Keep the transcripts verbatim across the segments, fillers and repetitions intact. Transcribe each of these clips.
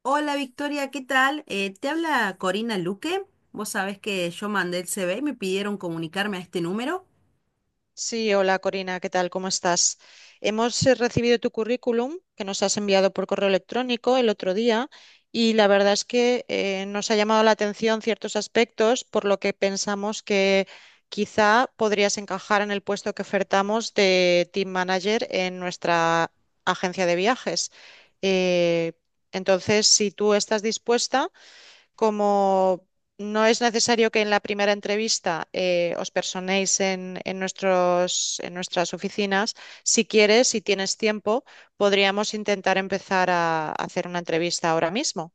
Hola Victoria, ¿qué tal? Eh, te habla Corina Luque. Vos sabés que yo mandé el C V y me pidieron comunicarme a este número. Sí, hola Corina, ¿qué tal? ¿Cómo estás? Hemos eh, recibido tu currículum que nos has enviado por correo electrónico el otro día y la verdad es que eh, nos ha llamado la atención ciertos aspectos por lo que pensamos que quizá podrías encajar en el puesto que ofertamos de Team Manager en nuestra agencia de viajes. Eh, entonces, si tú estás dispuesta... Como no es necesario que en la primera entrevista eh, os personéis en, en nuestros, en nuestras oficinas, si quieres, si tienes tiempo, podríamos intentar empezar a hacer una entrevista ahora mismo.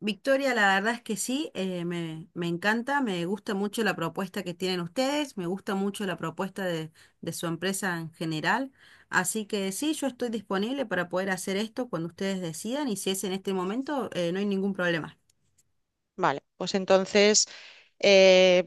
Victoria, la verdad es que sí, eh, me, me encanta, me gusta mucho la propuesta que tienen ustedes, me gusta mucho la propuesta de, de su empresa en general. Así que sí, yo estoy disponible para poder hacer esto cuando ustedes decidan y si es en este momento, eh, no hay ningún problema. Vale, pues entonces, eh,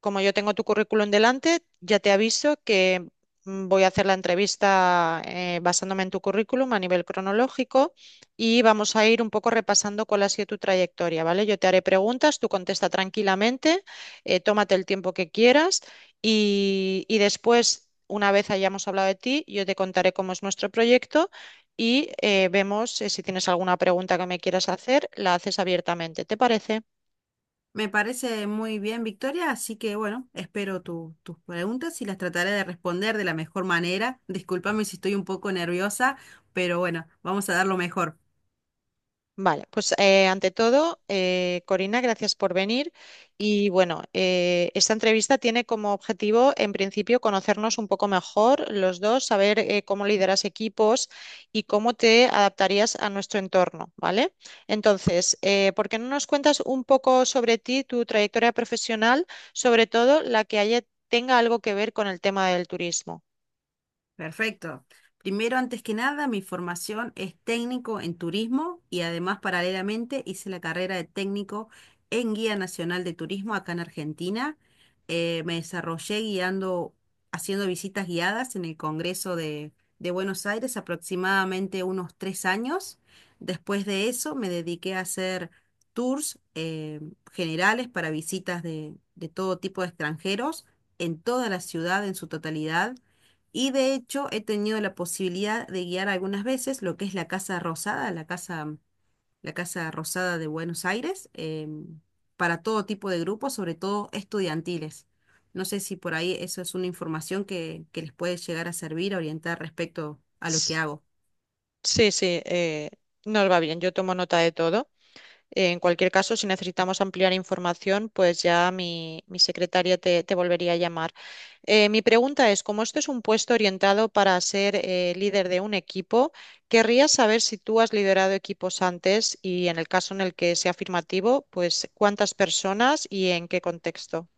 como yo tengo tu currículum delante, ya te aviso que mm, voy a hacer la entrevista eh, basándome en tu currículum a nivel cronológico y vamos a ir un poco repasando cuál ha sido tu trayectoria, ¿vale? Yo te haré preguntas, tú contesta tranquilamente, eh, tómate el tiempo que quieras y, y después, una vez hayamos hablado de ti, yo te contaré cómo es nuestro proyecto. Y eh, vemos eh, si tienes alguna pregunta que me quieras hacer, la haces abiertamente. ¿Te parece? Me parece muy bien, Victoria, así que bueno, espero tu- tus preguntas y las trataré de responder de la mejor manera. Discúlpame si estoy un poco nerviosa, pero bueno, vamos a dar lo mejor. Vale, pues eh, ante todo, eh, Corina, gracias por venir. Y bueno, eh, esta entrevista tiene como objetivo, en principio, conocernos un poco mejor los dos, saber eh, cómo lideras equipos y cómo te adaptarías a nuestro entorno, ¿vale? Entonces, eh, ¿por qué no nos cuentas un poco sobre ti, tu trayectoria profesional, sobre todo la que haya, tenga algo que ver con el tema del turismo? Perfecto. Primero, antes que nada, mi formación es técnico en turismo y además paralelamente hice la carrera de técnico en Guía Nacional de Turismo acá en Argentina. Eh, me desarrollé guiando, haciendo visitas guiadas en el Congreso de, de Buenos Aires aproximadamente unos tres años. Después de eso me dediqué a hacer tours eh, generales para visitas de de todo tipo de extranjeros en toda la ciudad en su totalidad y de hecho he tenido la posibilidad de guiar algunas veces lo que es la Casa Rosada, la Casa, la Casa Rosada de Buenos Aires, em, para todo tipo de grupos, sobre todo estudiantiles. No sé si por ahí eso es una información que, que les puede llegar a servir, a orientar respecto a lo que S- hago. Sí, sí, eh, nos va bien, yo tomo nota de todo. Eh, en cualquier caso, si necesitamos ampliar información, pues ya mi, mi secretaria te, te volvería a llamar. Eh, mi pregunta es, como esto es un puesto orientado para ser eh, líder de un equipo, querría saber si tú has liderado equipos antes y en el caso en el que sea afirmativo, pues cuántas personas y en qué contexto.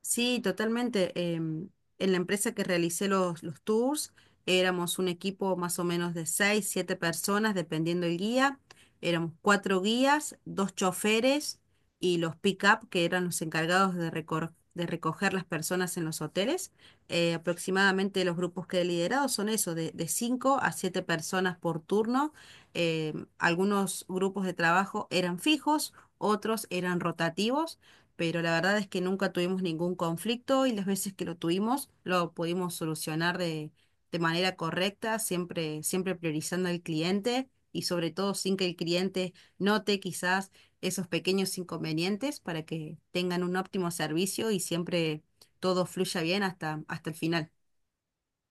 Sí, totalmente. Em, en la empresa que realicé los, los tours, éramos un equipo más o menos de seis, siete personas, dependiendo el guía. Éramos cuatro guías, dos choferes y los pick-up, que eran los encargados de, recor- de recoger las personas en los hoteles. Eh, aproximadamente los grupos que he liderado son eso, de, de cinco a siete personas por turno. Em, algunos grupos de trabajo eran fijos, otros eran rotativos, pero la verdad es que nunca tuvimos ningún conflicto y las veces que lo tuvimos lo pudimos solucionar de, de manera correcta, siempre, siempre priorizando al cliente y sobre todo sin que el cliente note quizás esos pequeños inconvenientes para que tengan un óptimo servicio y siempre todo fluya bien hasta, hasta el final.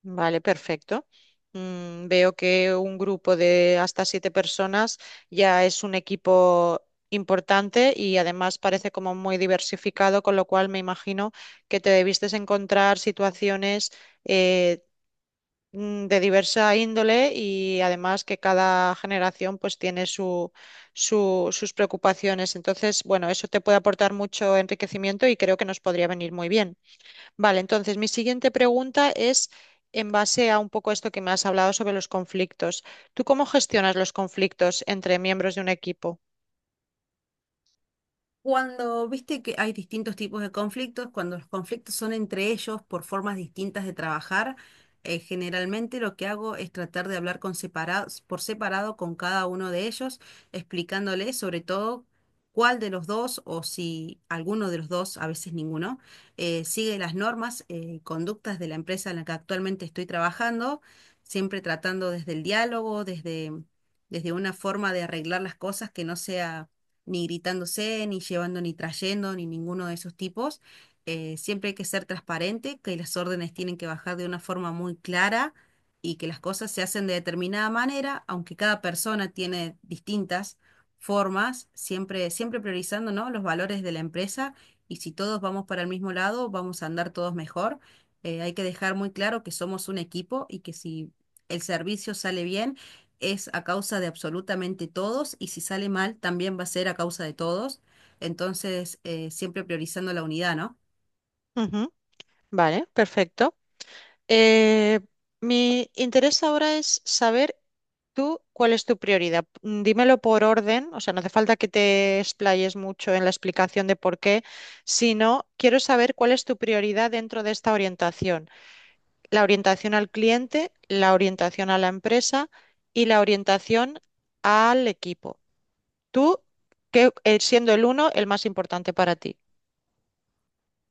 Vale, perfecto. Mm, veo que un grupo de hasta siete personas ya es un equipo importante y además parece como muy diversificado, con lo cual me imagino que te debiste encontrar situaciones eh, mm, de diversa índole y además que cada generación pues tiene su, su- sus preocupaciones. Entonces, bueno, eso te puede aportar mucho enriquecimiento y creo que nos podría venir muy bien. Vale, entonces mi siguiente pregunta es en base a un poco esto que me has hablado sobre los conflictos. ¿Tú cómo gestionas los conflictos entre miembros de un equipo? Cuando viste que hay distintos tipos de conflictos, cuando los conflictos son entre ellos por formas distintas de trabajar, eh, generalmente lo que hago es tratar de hablar con separados, por separado con cada uno de ellos, explicándoles sobre todo cuál de los dos o si alguno de los dos, a veces ninguno, eh, sigue las normas eh, y conductas de la empresa en la que actualmente estoy trabajando, siempre tratando desde el diálogo, desde, desde una forma de arreglar las cosas que no sea ni gritándose, ni llevando, ni trayendo, ni ninguno de esos tipos. Eh, siempre hay que ser transparente, que las órdenes tienen que bajar de una forma muy clara y que las cosas se hacen de determinada manera, aunque cada persona tiene distintas formas, siempre, siempre priorizando, ¿no?, los valores de la empresa, y si todos vamos para el mismo lado, vamos a andar todos mejor. Eh, hay que dejar muy claro que somos un equipo y que si el servicio sale bien, es a causa de absolutamente todos y si sale mal también va a ser a causa de todos. Entonces, eh, siempre priorizando la unidad, ¿no? Ujú, vale, perfecto. Eh, mi interés ahora es saber tú cuál es tu prioridad. Mm, Dímelo por orden, o sea, no hace falta que te explayes mucho en la explicación de por qué, sino quiero saber cuál es tu prioridad dentro de esta orientación. La orientación al cliente, la orientación a la empresa y la orientación al equipo. Tú, que eh, siendo el uno, el más importante para ti.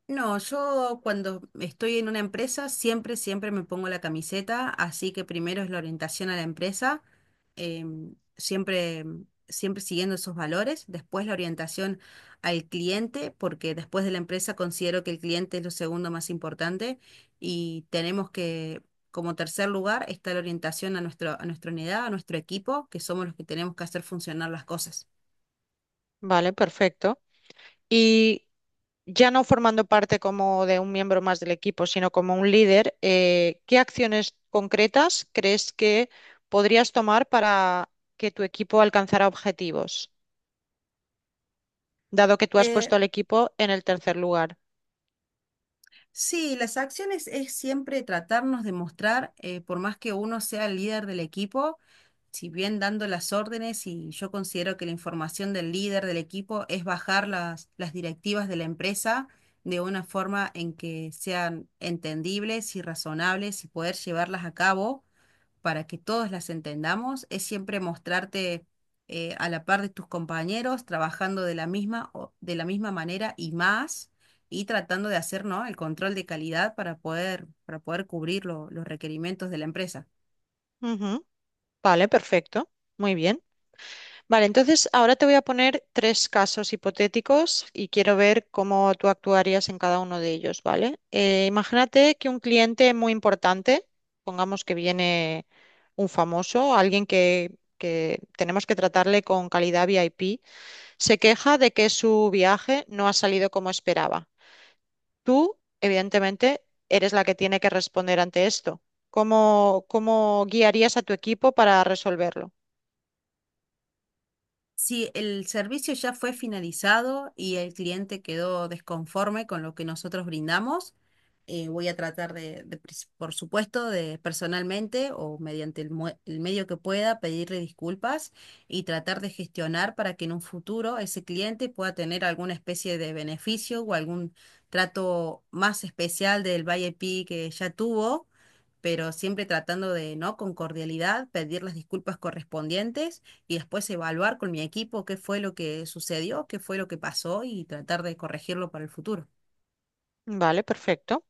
No, yo cuando estoy en una empresa siempre, siempre me pongo la camiseta, así que primero es la orientación a la empresa, em, siempre, siempre siguiendo esos valores, después la orientación al cliente, porque después de la empresa considero que el cliente es lo segundo más importante y tenemos que, como tercer lugar, está la orientación a nuestro, a nuestra unidad, a nuestro equipo, que somos los que tenemos que hacer funcionar las cosas. Vale, perfecto. Y ya no formando parte como de un miembro más del equipo, sino como un líder, eh, ¿qué acciones concretas crees que podrías tomar para que tu equipo alcanzara objetivos, dado que tú has Eh, puesto al equipo en el tercer lugar? Sí, las acciones es siempre tratarnos de mostrar, eh, por más que uno sea el líder del equipo, si bien dando las órdenes, y yo considero que la información del líder del equipo es bajar las, las directivas de la empresa de una forma en que sean entendibles y razonables y poder llevarlas a cabo para que todas las entendamos, es siempre mostrarte eh, a la par de tus compañeros, trabajando de la misma, o- de la misma manera y más, y tratando de hacer, ¿no?, el control de calidad para poder, para poder cubrir lo- los requerimientos de la empresa. Ujú, vale, perfecto. Muy bien. Vale, entonces ahora te voy a poner tres casos hipotéticos y quiero ver cómo tú actuarías en cada uno de ellos, ¿vale? Eh, imagínate que un cliente muy importante, pongamos que viene un famoso, alguien que, que tenemos que tratarle con calidad V I P, se queja de que su viaje no ha salido como esperaba. Tú, evidentemente, eres la que tiene que responder ante esto. ¿Cómo, cómo guiarías a tu equipo para resolverlo? Sí, el servicio ya fue finalizado y el cliente quedó desconforme con lo que nosotros brindamos. Eh, voy a tratar de, de pres- por supuesto, de personalmente o mediante el, mue- el medio que pueda pedirle disculpas y tratar de gestionar para que en un futuro ese cliente pueda tener alguna especie de beneficio o algún trato más especial del V I P que ya tuvo, pero siempre tratando de, ¿no? Con cordialidad, pedir las disculpas correspondientes y después evaluar con mi equipo qué fue lo que sucedió, qué fue lo que pasó y tratar de corregirlo para el futuro. Vale, perfecto.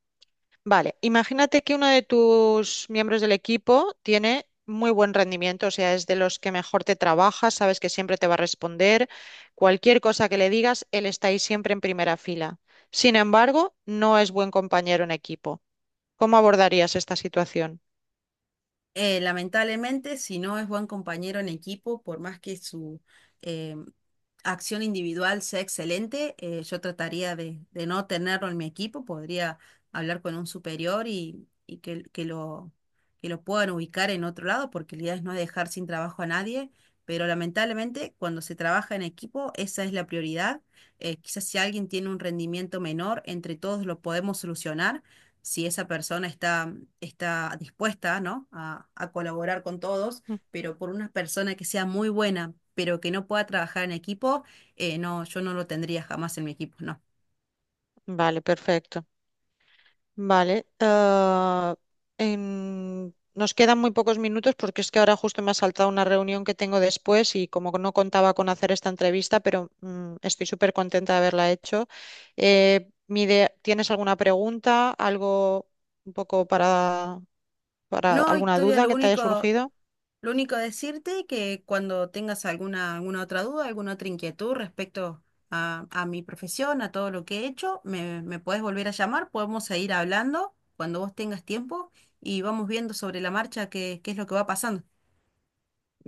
Vale, imagínate que uno de tus miembros del equipo tiene muy buen rendimiento, o sea, es de los que mejor te trabaja, sabes que siempre te va a responder, cualquier cosa que le digas, él está ahí siempre en primera fila. Sin embargo, no es buen compañero en equipo. ¿Cómo abordarías esta situación? Eh, lamentablemente, si no es buen compañero en equipo, por más que su eh, acción individual sea excelente, eh, yo trataría de, de no tenerlo en mi equipo. Podría hablar con un superior y, y que, que lo, que lo puedan ubicar en otro lado, porque la idea es no dejar sin trabajo a nadie. Pero lamentablemente, cuando se trabaja en equipo, esa es la prioridad. Eh, quizás si alguien tiene un rendimiento menor, entre todos lo podemos solucionar si esa persona está, está dispuesta, ¿no?, a, a colaborar con todos, Mm, pero por una persona que sea muy buena, pero que no pueda trabajar en equipo, eh, no, yo no lo tendría jamás en mi equipo, no. vale, perfecto. Vale. ah, en- Nos quedan muy pocos minutos porque es que ahora justo me ha saltado una reunión que tengo después y como no contaba con hacer esta entrevista, pero mm, estoy súper contenta de haberla hecho. Eh, mi idea- ¿tienes alguna pregunta, algo un poco para, para No, alguna Victoria, duda lo que te haya único, surgido? lo único decirte que cuando tengas alguna, alguna otra duda, alguna otra inquietud respecto a, a mi profesión, a todo lo que he hecho, me, me podés volver a llamar, podemos seguir hablando cuando vos tengas tiempo y vamos viendo sobre la marcha qué, qué es lo que va pasando.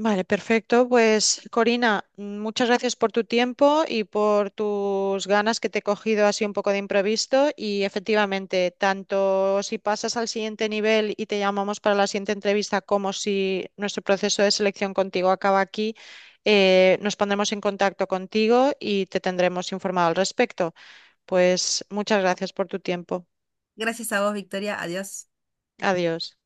Vale, perfecto. Pues Corina, mm, muchas gracias por tu tiempo y por tus ganas que te he cogido así un poco de imprevisto. Y efectivamente, tanto si pasas al siguiente nivel y te llamamos para la siguiente entrevista, como si nuestro proceso de selección contigo acaba aquí, eh, nos pondremos en contacto contigo y te tendremos informado al respecto. Pues muchas gracias por tu tiempo. Gracias a vos, Victoria. Adiós. Adiós.